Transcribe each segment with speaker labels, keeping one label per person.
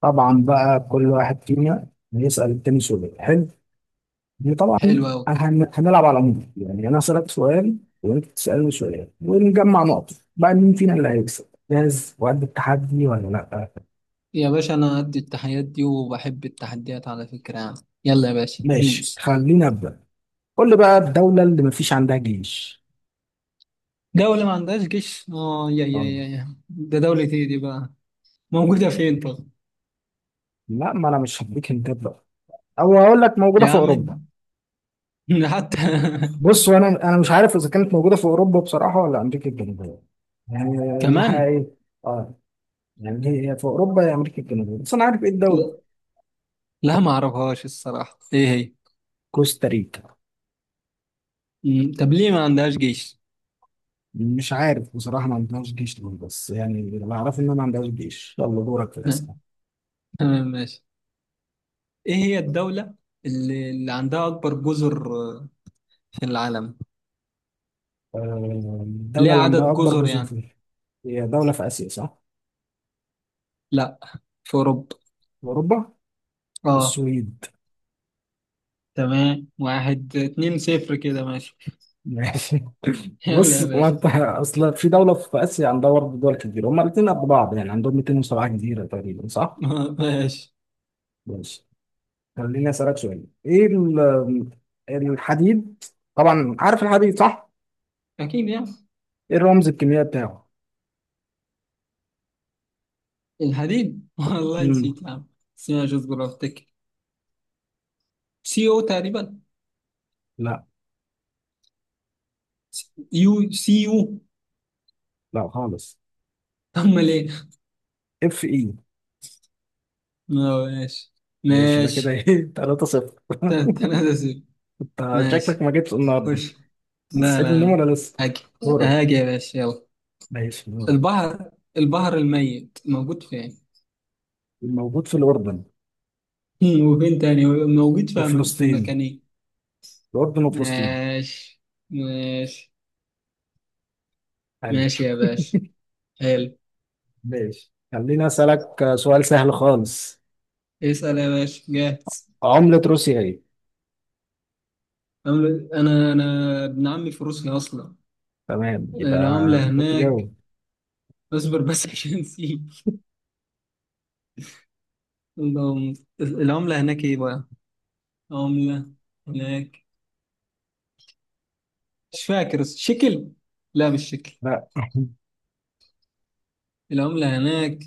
Speaker 1: طبعا بقى كل واحد فينا هيسأل التاني سؤال حلو. دي طبعا.
Speaker 2: حلو أوي
Speaker 1: هنلعب على العموم، يعني انا اسألك سؤال وانت تسألني سؤال ونجمع نقط، بقى مين فينا اللي هيكسب؟ جاهز وقد التحدي ولا لا؟
Speaker 2: يا باشا، أنا قد التحديات دي وبحب التحديات على فكرة يعني. يلا يا باشا
Speaker 1: ماشي
Speaker 2: دوس.
Speaker 1: خلينا ابدا. قول لي بقى، الدولة اللي مفيش عندها جيش.
Speaker 2: دولة ما عندهاش جيش، آه، يا يا
Speaker 1: طب،
Speaker 2: يا يا ده دولة إيه دي بقى؟ موجودة فين طب؟
Speaker 1: لا ما انا مش هديك هنتات بقى، او هقول لك موجودة
Speaker 2: يا
Speaker 1: في
Speaker 2: عم
Speaker 1: اوروبا.
Speaker 2: حتى
Speaker 1: بص، وانا مش عارف اذا كانت موجودة في اوروبا بصراحة ولا امريكا الجنوبية، يعني
Speaker 2: كمان.
Speaker 1: الناحية ايه. آه، يعني هي في اوروبا يا امريكا الجنوبيه، بس انا عارف ايه الدوله.
Speaker 2: لا لا، ما أعرفهاش الصراحة، إيه هي؟
Speaker 1: كوستاريكا.
Speaker 2: مم، طب ليه ما عندهاش جيش؟
Speaker 1: مش عارف بصراحه ما عندهاش جيش ليه، بس يعني اللي اعرفه ان ما عندهاش جيش. يلا دورك في
Speaker 2: لا،
Speaker 1: الاسئله.
Speaker 2: تمام ماشي. إيه هي الدولة اللي عندها أكبر جزر، آه، في العالم؟
Speaker 1: آه، الدوله
Speaker 2: ليه
Speaker 1: اللي عندها
Speaker 2: عدد
Speaker 1: اكبر
Speaker 2: جزر
Speaker 1: جزر
Speaker 2: يعني؟
Speaker 1: في، هي دوله في اسيا صح؟
Speaker 2: لا، في أوروبا.
Speaker 1: في اوروبا.
Speaker 2: آه،
Speaker 1: السويد.
Speaker 2: تمام. واحد اتنين صفر كده ماشي.
Speaker 1: ماشي.
Speaker 2: يلا
Speaker 1: بص
Speaker 2: يا
Speaker 1: ما
Speaker 2: باشا
Speaker 1: انت
Speaker 2: خد.
Speaker 1: اصلا في دوله في اسيا عندها برضه دول كتير، هما الاثنين قد بعض، يعني عندهم 207 جزيره تقريبا صح؟
Speaker 2: ماشي.
Speaker 1: ماشي، خليني اسالك سؤال. ايه الحديد، طبعا عارف الحديد صح؟
Speaker 2: أكيد يعني.
Speaker 1: ايه الرمز الكيميائي بتاعه؟
Speaker 2: الحديد والله
Speaker 1: مم.
Speaker 2: نسيت يا عم، بس ماشي اصبر أفتكر. سي أو تقريبا.
Speaker 1: لا
Speaker 2: يو سي يو.
Speaker 1: لا خالص.
Speaker 2: أمال إيه؟
Speaker 1: Fe.
Speaker 2: آه، ماشي
Speaker 1: ماشي، ده كده
Speaker 2: ماشي.
Speaker 1: ايه؟ 3 0
Speaker 2: تل- تلاتة صفر.
Speaker 1: انت شكلك
Speaker 2: ماشي
Speaker 1: ما جيتش النهارده.
Speaker 2: خش.
Speaker 1: انت
Speaker 2: لا
Speaker 1: سعيد من
Speaker 2: لا
Speaker 1: النوم
Speaker 2: لا.
Speaker 1: ولا لسه؟
Speaker 2: هاجي.
Speaker 1: دورك.
Speaker 2: هاجي يا باشا يلا.
Speaker 1: ماشي دورك.
Speaker 2: البحر. البحر الميت موجود فين؟
Speaker 1: الموجود في الاردن
Speaker 2: وفين تاني، موجود في
Speaker 1: وفلسطين.
Speaker 2: مكان إيه؟
Speaker 1: الاردن وفلسطين.
Speaker 2: ماشي ماشي.
Speaker 1: حلو.
Speaker 2: ماشي يا باشا، حلو.
Speaker 1: ماشي خليني اسالك سؤال سهل خالص.
Speaker 2: اسأل يا باشا، جاهز.
Speaker 1: عملة روسيا ايه؟
Speaker 2: عملة، أنا ابن عمي في روسيا أصلا.
Speaker 1: تمام يبقى،
Speaker 2: العملة
Speaker 1: المفروض
Speaker 2: هناك.
Speaker 1: تجاوب.
Speaker 2: اصبر بس عشان نسيت. اللهم-. العملة هناك إيه بقى؟ عملة هناك. مش فاكر شكل. لا مش شكل.
Speaker 1: لا.
Speaker 2: العملة هناك،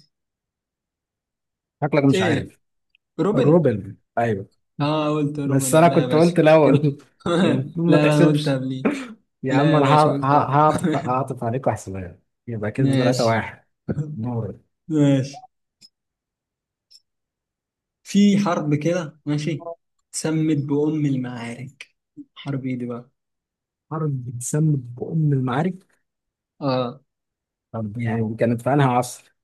Speaker 1: شكلك مش
Speaker 2: إيه؟
Speaker 1: عارف.
Speaker 2: روبن.
Speaker 1: روبل، ايوه.
Speaker 2: آه قلت روبن،
Speaker 1: بس
Speaker 2: آه،
Speaker 1: انا
Speaker 2: لا يا
Speaker 1: كنت
Speaker 2: باشا
Speaker 1: قلت الاول.
Speaker 2: كده لا
Speaker 1: المفروض ما
Speaker 2: لا، أنا قلت
Speaker 1: تحسبش.
Speaker 2: قبليه.
Speaker 1: يا
Speaker 2: لا
Speaker 1: عم
Speaker 2: يا
Speaker 1: انا
Speaker 2: باشا
Speaker 1: هع- هع-
Speaker 2: قلت
Speaker 1: هعطف هعطف عليك واحسبها لك. يبقى كده 3
Speaker 2: ماشي
Speaker 1: 1. نور.
Speaker 2: ماشي. في حرب كده ماشي، سمت بأم المعارك. حرب ايه دي بقى؟
Speaker 1: حرب بتسمى بأم المعارك.
Speaker 2: اه.
Speaker 1: طب يعني كانت في انهي عصر؟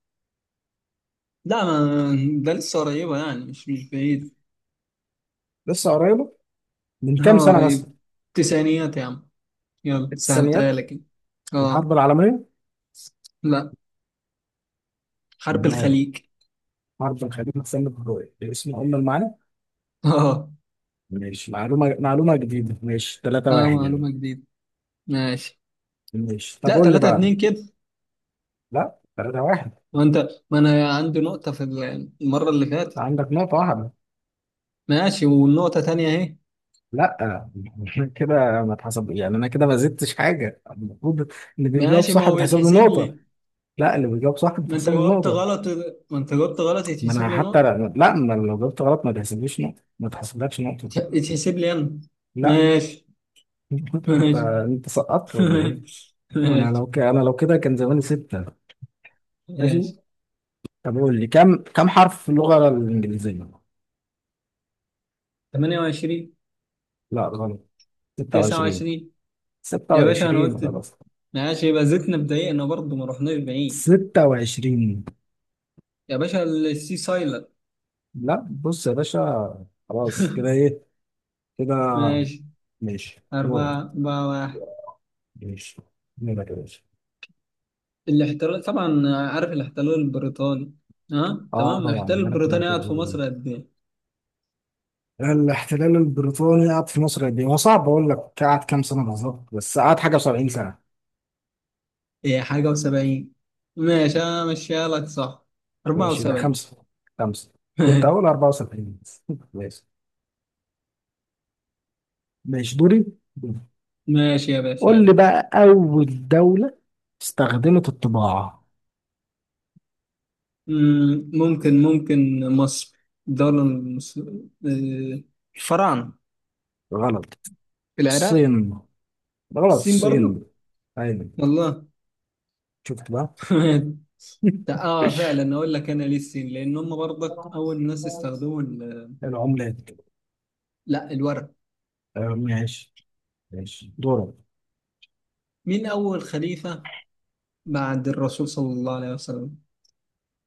Speaker 2: لا، ما ده لسه قريبة يعني مش بعيد
Speaker 1: لسه قريبة، من كام
Speaker 2: اه
Speaker 1: سنة مثلا؟
Speaker 2: قريب. تسعينيات يا عم. يلا سهلتها
Speaker 1: التسعينيات؟
Speaker 2: لك أنا.
Speaker 1: الحرب
Speaker 2: اه.
Speaker 1: العالمية؟
Speaker 2: لا، حرب
Speaker 1: نور.
Speaker 2: الخليج.
Speaker 1: حرب الخليج بتسمى باسم أم المعارك؟
Speaker 2: اه.
Speaker 1: ماشي، معلومة جديدة. ماشي 3
Speaker 2: اه
Speaker 1: 1 يعني.
Speaker 2: معلومة جديدة ماشي.
Speaker 1: ماشي طب
Speaker 2: لا
Speaker 1: قول لي
Speaker 2: 3
Speaker 1: بقى.
Speaker 2: 2 كده.
Speaker 1: لا 3 1.
Speaker 2: وانت، ما انا عندي نقطة في المرة اللي فاتت.
Speaker 1: عندك نقطة واحدة.
Speaker 2: ماشي والنقطة تانية اهي.
Speaker 1: لا. كده ما اتحسب، يعني انا كده ما زدتش حاجة المفروض. اللي بيجاوب
Speaker 2: ماشي، ما
Speaker 1: صح
Speaker 2: هو
Speaker 1: بتحسب له
Speaker 2: يتحسب
Speaker 1: نقطة.
Speaker 2: لي.
Speaker 1: لا، اللي بيجاوب صح
Speaker 2: ما انت
Speaker 1: بتحسب له
Speaker 2: جاوبت
Speaker 1: نقطة.
Speaker 2: غلط. ما انت جاوبت غلط
Speaker 1: ما
Speaker 2: يتحسب
Speaker 1: انا
Speaker 2: لي
Speaker 1: حتى،
Speaker 2: نقطة.
Speaker 1: لا لا، ما لو جاوبت غلط ما تحسبليش نقطة، ما تحسبلكش نقطة.
Speaker 2: يتحسب لي انا.
Speaker 1: لا.
Speaker 2: ماشي
Speaker 1: انت
Speaker 2: ماشي.
Speaker 1: انت سقطت ولا ايه؟
Speaker 2: ماشي
Speaker 1: انا لو كده كان زماني ستة. ماشي
Speaker 2: ماشي.
Speaker 1: طب قول لي، كم حرف في اللغة الإنجليزية؟
Speaker 2: 28.
Speaker 1: لا غلط. 26.
Speaker 2: 29. يا باشا انا
Speaker 1: 26
Speaker 2: قلت.
Speaker 1: خلاص.
Speaker 2: ماشي يبقى زدنا بدقيقة برضه، ما رحناش بعيد.
Speaker 1: 26.
Speaker 2: يا باشا السي سايلر.
Speaker 1: لا بص يا باشا خلاص، كده ايه؟ كده.
Speaker 2: ماشي
Speaker 1: ماشي دورك.
Speaker 2: 4 4 1.
Speaker 1: ماشي دورك يا باشا.
Speaker 2: الاحتلال طبعا، عارف الاحتلال البريطاني. ها
Speaker 1: اه
Speaker 2: تمام.
Speaker 1: طبعا
Speaker 2: الاحتلال
Speaker 1: انا في
Speaker 2: البريطاني قعد
Speaker 1: المكتب.
Speaker 2: في مصر قد ايه؟
Speaker 1: الاحتلال البريطاني قعد في مصر قد ايه؟ هو صعب اقول لك قعد كام سنه بالظبط، بس قعد حاجه و70 سنه.
Speaker 2: ايه حاجة و70؟ ماشي انا ماشيها لك صح.
Speaker 1: ماشي يبقى
Speaker 2: 74.
Speaker 1: خمسه. خمسه. كنت هقول 74 بس. ماشي. ماشي دوري.
Speaker 2: ماشي يا باشا
Speaker 1: قول لي
Speaker 2: يلا.
Speaker 1: بقى، اول دوله استخدمت الطباعه.
Speaker 2: مم، ممكن مصر، الدولة المصر، الفراعنة.
Speaker 1: غلط.
Speaker 2: في العراق.
Speaker 1: الصين. غلط.
Speaker 2: الصين برضو.
Speaker 1: الصين. ايوه.
Speaker 2: والله
Speaker 1: شفت بقى؟
Speaker 2: اه فعلا اقول لك انا ليه الصين، لان هم برضك اول ناس استخدموا ال.
Speaker 1: العملات.
Speaker 2: لا، الورق.
Speaker 1: آه، ماشي. ماشي دورك.
Speaker 2: مين اول خليفة بعد الرسول صلى الله عليه وسلم؟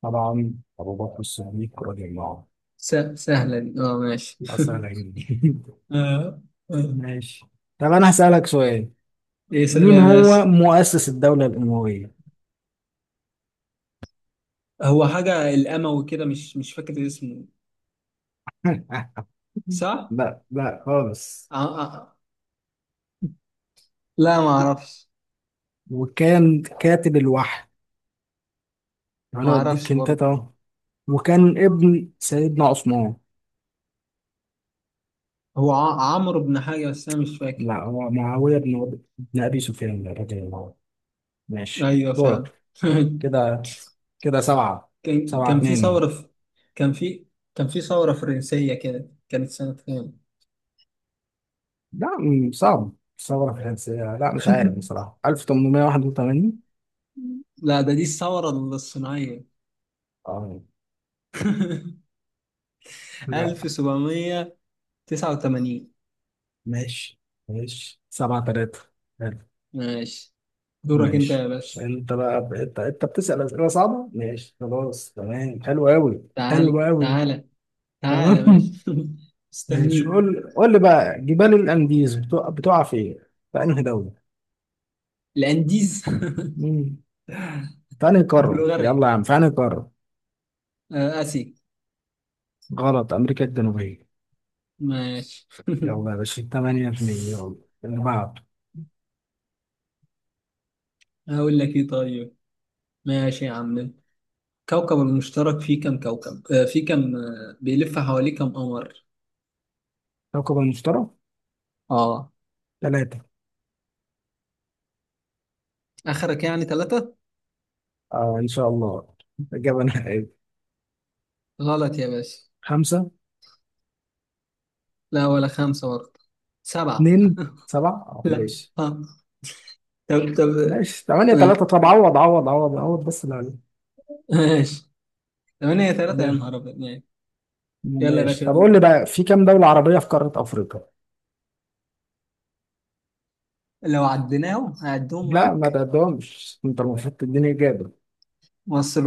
Speaker 1: طبعا، ابو بكر الصديق رضي الله عنه.
Speaker 2: سهلة دي، اه ماشي
Speaker 1: يبقى سهله جدا.
Speaker 2: آه. آه.
Speaker 1: ماشي. طب انا هسألك سؤال،
Speaker 2: ايه سهلة
Speaker 1: مين
Speaker 2: يا باشا.
Speaker 1: هو مؤسس الدولة الأموية؟
Speaker 2: هو حاجة الاموي كده، مش فاكر اسمه، صح؟
Speaker 1: لا لا خالص.
Speaker 2: آه. آه. آه. لا ما اعرفش.
Speaker 1: وكان كاتب الوحي،
Speaker 2: ما
Speaker 1: انا بديك
Speaker 2: اعرفش
Speaker 1: انت
Speaker 2: برضه.
Speaker 1: اهو. وكان ابن سيدنا عثمان.
Speaker 2: هو عمرو بن حاجة، بس أنا مش فاكر.
Speaker 1: لا، هو معاوية بن ابي سفيان رضي الله عنه. ماشي
Speaker 2: أيوه فعلا.
Speaker 1: دورك. كده كده سبعة.
Speaker 2: كان
Speaker 1: سبعة
Speaker 2: كان في
Speaker 1: اتنين.
Speaker 2: ثورة في، كان في كان في ثورة فرنسية كده، كانت سنة كام؟
Speaker 1: لا صعب. ثورة فرنسية، لا مش عارف بصراحة. 1881.
Speaker 2: لا ده، دي الثورة الصناعية.
Speaker 1: اه. لا.
Speaker 2: 1789.
Speaker 1: ماشي. ماشي سبعة تلاتة.
Speaker 2: ماشي دورك أنت
Speaker 1: ماشي،
Speaker 2: يا باشا.
Speaker 1: انت بقى انت بتسأل أسئلة صعبة، ماشي خلاص تمام حلو قوي. حلو
Speaker 2: تعال
Speaker 1: قوي.
Speaker 2: تعالى. تعالى ماشي.
Speaker 1: تمام. ماشي،
Speaker 2: استنيك.
Speaker 1: قول لي بقى، جبال الأنديز بتقع فين؟ في انهي دولة؟
Speaker 2: الأنديز.
Speaker 1: مم. في انهي قارة،
Speaker 2: بلغاريا.
Speaker 1: يلا يا عم في انهي قارة؟
Speaker 2: آه، آسيا.
Speaker 1: غلط. أمريكا الجنوبية.
Speaker 2: ماشي
Speaker 1: يلا يا باشا 8 2، يلا اللي بعده.
Speaker 2: هقول لك إيه طيب. ماشي يا عم. كوكب المشترك فيه كم كوكب، آه، فيه كم، آه، بيلف حواليه كم قمر؟
Speaker 1: كوكب المشتري.
Speaker 2: اه.
Speaker 1: ثلاثة.
Speaker 2: اخرك يعني ثلاثة؟
Speaker 1: اه ان شاء الله. إجابة نهائية.
Speaker 2: غلط يا باشا.
Speaker 1: خمسة.
Speaker 2: لا ولا خمسة برضه. سبعة.
Speaker 1: اتنين سبعة اه.
Speaker 2: لا.
Speaker 1: ماشي.
Speaker 2: ها. طب طب.
Speaker 1: ماشي 8 3.
Speaker 2: ما-
Speaker 1: طب عوض بس اللي
Speaker 2: ماشي. ثمانية ثلاثة، يا
Speaker 1: عليك.
Speaker 2: نهار أبيض، ماشي. يلا يا
Speaker 1: ماشي
Speaker 2: باشا
Speaker 1: طب قول
Speaker 2: دوب.
Speaker 1: لي بقى، في كام دولة عربية في قارة أفريقيا؟
Speaker 2: لو عديناهم هعدهم
Speaker 1: لا ما
Speaker 2: معاك.
Speaker 1: تعدهمش، أنت المفروض تديني إجابة.
Speaker 2: مصر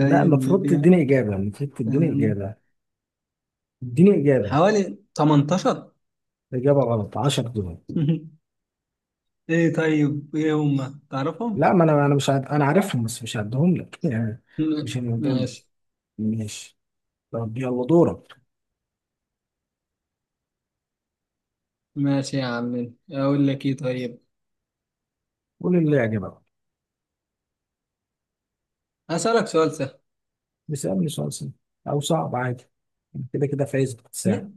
Speaker 1: لا، المفروض
Speaker 2: ليبيا.
Speaker 1: تديني إجابة. المفروض تديني
Speaker 2: أم،
Speaker 1: إجابة. اديني إجابة.
Speaker 2: حوالي 18.
Speaker 1: إجابة غلط. 10 دول.
Speaker 2: ايه طيب، ايه هم تعرفهم؟
Speaker 1: لا ما أنا مش أنا عارفهم بس مش هعدهم لك. يعني مش هنعدهم.
Speaker 2: ماشي.
Speaker 1: ماشي. طب يلا دورك.
Speaker 2: ماشي يا عم اقول لك ايه طيب.
Speaker 1: قول اللي يعجبك.
Speaker 2: هسألك سؤال سهل.
Speaker 1: اسألني سؤال سهل أو صعب عادي. أنا كده كده فايز بالساعة.
Speaker 2: م-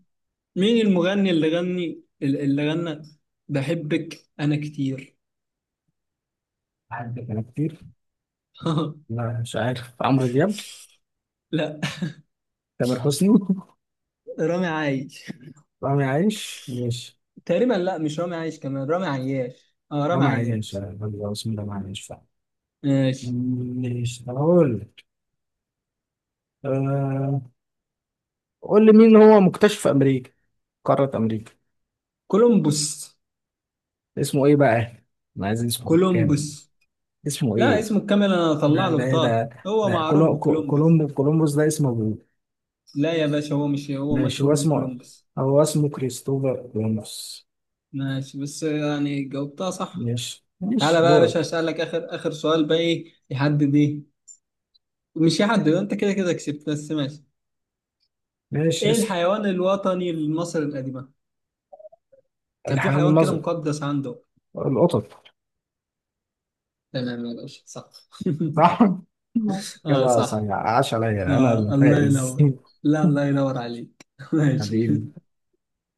Speaker 2: مين المغني اللي غني اللي غنى بحبك انا كتير؟
Speaker 1: أحبك أنا كتير. لا مش عارف. عمرو دياب؟
Speaker 2: لا
Speaker 1: تامر حسني؟
Speaker 2: رامي عايش.
Speaker 1: فاهم عايش؟ ماشي.
Speaker 2: تقريبا، لا مش رامي عايش، كمان رامي عياش، اه
Speaker 1: لا
Speaker 2: رامي
Speaker 1: معيش.
Speaker 2: عياش.
Speaker 1: آه، بسم الله معيش فعلا.
Speaker 2: ماشي.
Speaker 1: ماشي هقول لك أه... قول لي مين هو مكتشف في امريكا، قارة امريكا.
Speaker 2: كولومبوس.
Speaker 1: اسمه ايه بقى؟ انا عايز اسمه كامل.
Speaker 2: كولومبوس.
Speaker 1: اسمه
Speaker 2: لا
Speaker 1: ايه؟
Speaker 2: اسمه الكامل، انا هطلع
Speaker 1: ده
Speaker 2: له
Speaker 1: ده إيه ده،
Speaker 2: بطاقة، هو
Speaker 1: ده
Speaker 2: معروف بكولومبوس.
Speaker 1: كولومبوس ده اسمه ابوه.
Speaker 2: لا يا باشا، هو مش، هو
Speaker 1: ماشي، هو
Speaker 2: مشهور
Speaker 1: اسمه
Speaker 2: بكولومبوس.
Speaker 1: هو اسمه كريستوفر كولومبوس.
Speaker 2: ماشي بس يعني جاوبتها صح.
Speaker 1: ماشي.
Speaker 2: تعالى
Speaker 1: ماشي
Speaker 2: بقى يا باشا
Speaker 1: دورك.
Speaker 2: هسألك آخر سؤال بقى، إيه يحدد إيه، مش يحدد، أنت كده كده كسبت، بس ماشي.
Speaker 1: ماشي
Speaker 2: إيه
Speaker 1: اسأل.
Speaker 2: الحيوان الوطني لمصر القديمة؟ كان في
Speaker 1: الحيوان
Speaker 2: حيوان كده
Speaker 1: المظر،
Speaker 2: مقدس عنده.
Speaker 1: القطط.
Speaker 2: تمام يا باشا صح
Speaker 1: صح.
Speaker 2: آه
Speaker 1: كده
Speaker 2: صح.
Speaker 1: صحيح. عاش عليا انا
Speaker 2: آه الله
Speaker 1: الفائز.
Speaker 2: ينور. لا الله ينور عليك ماشي.
Speaker 1: حبيبي.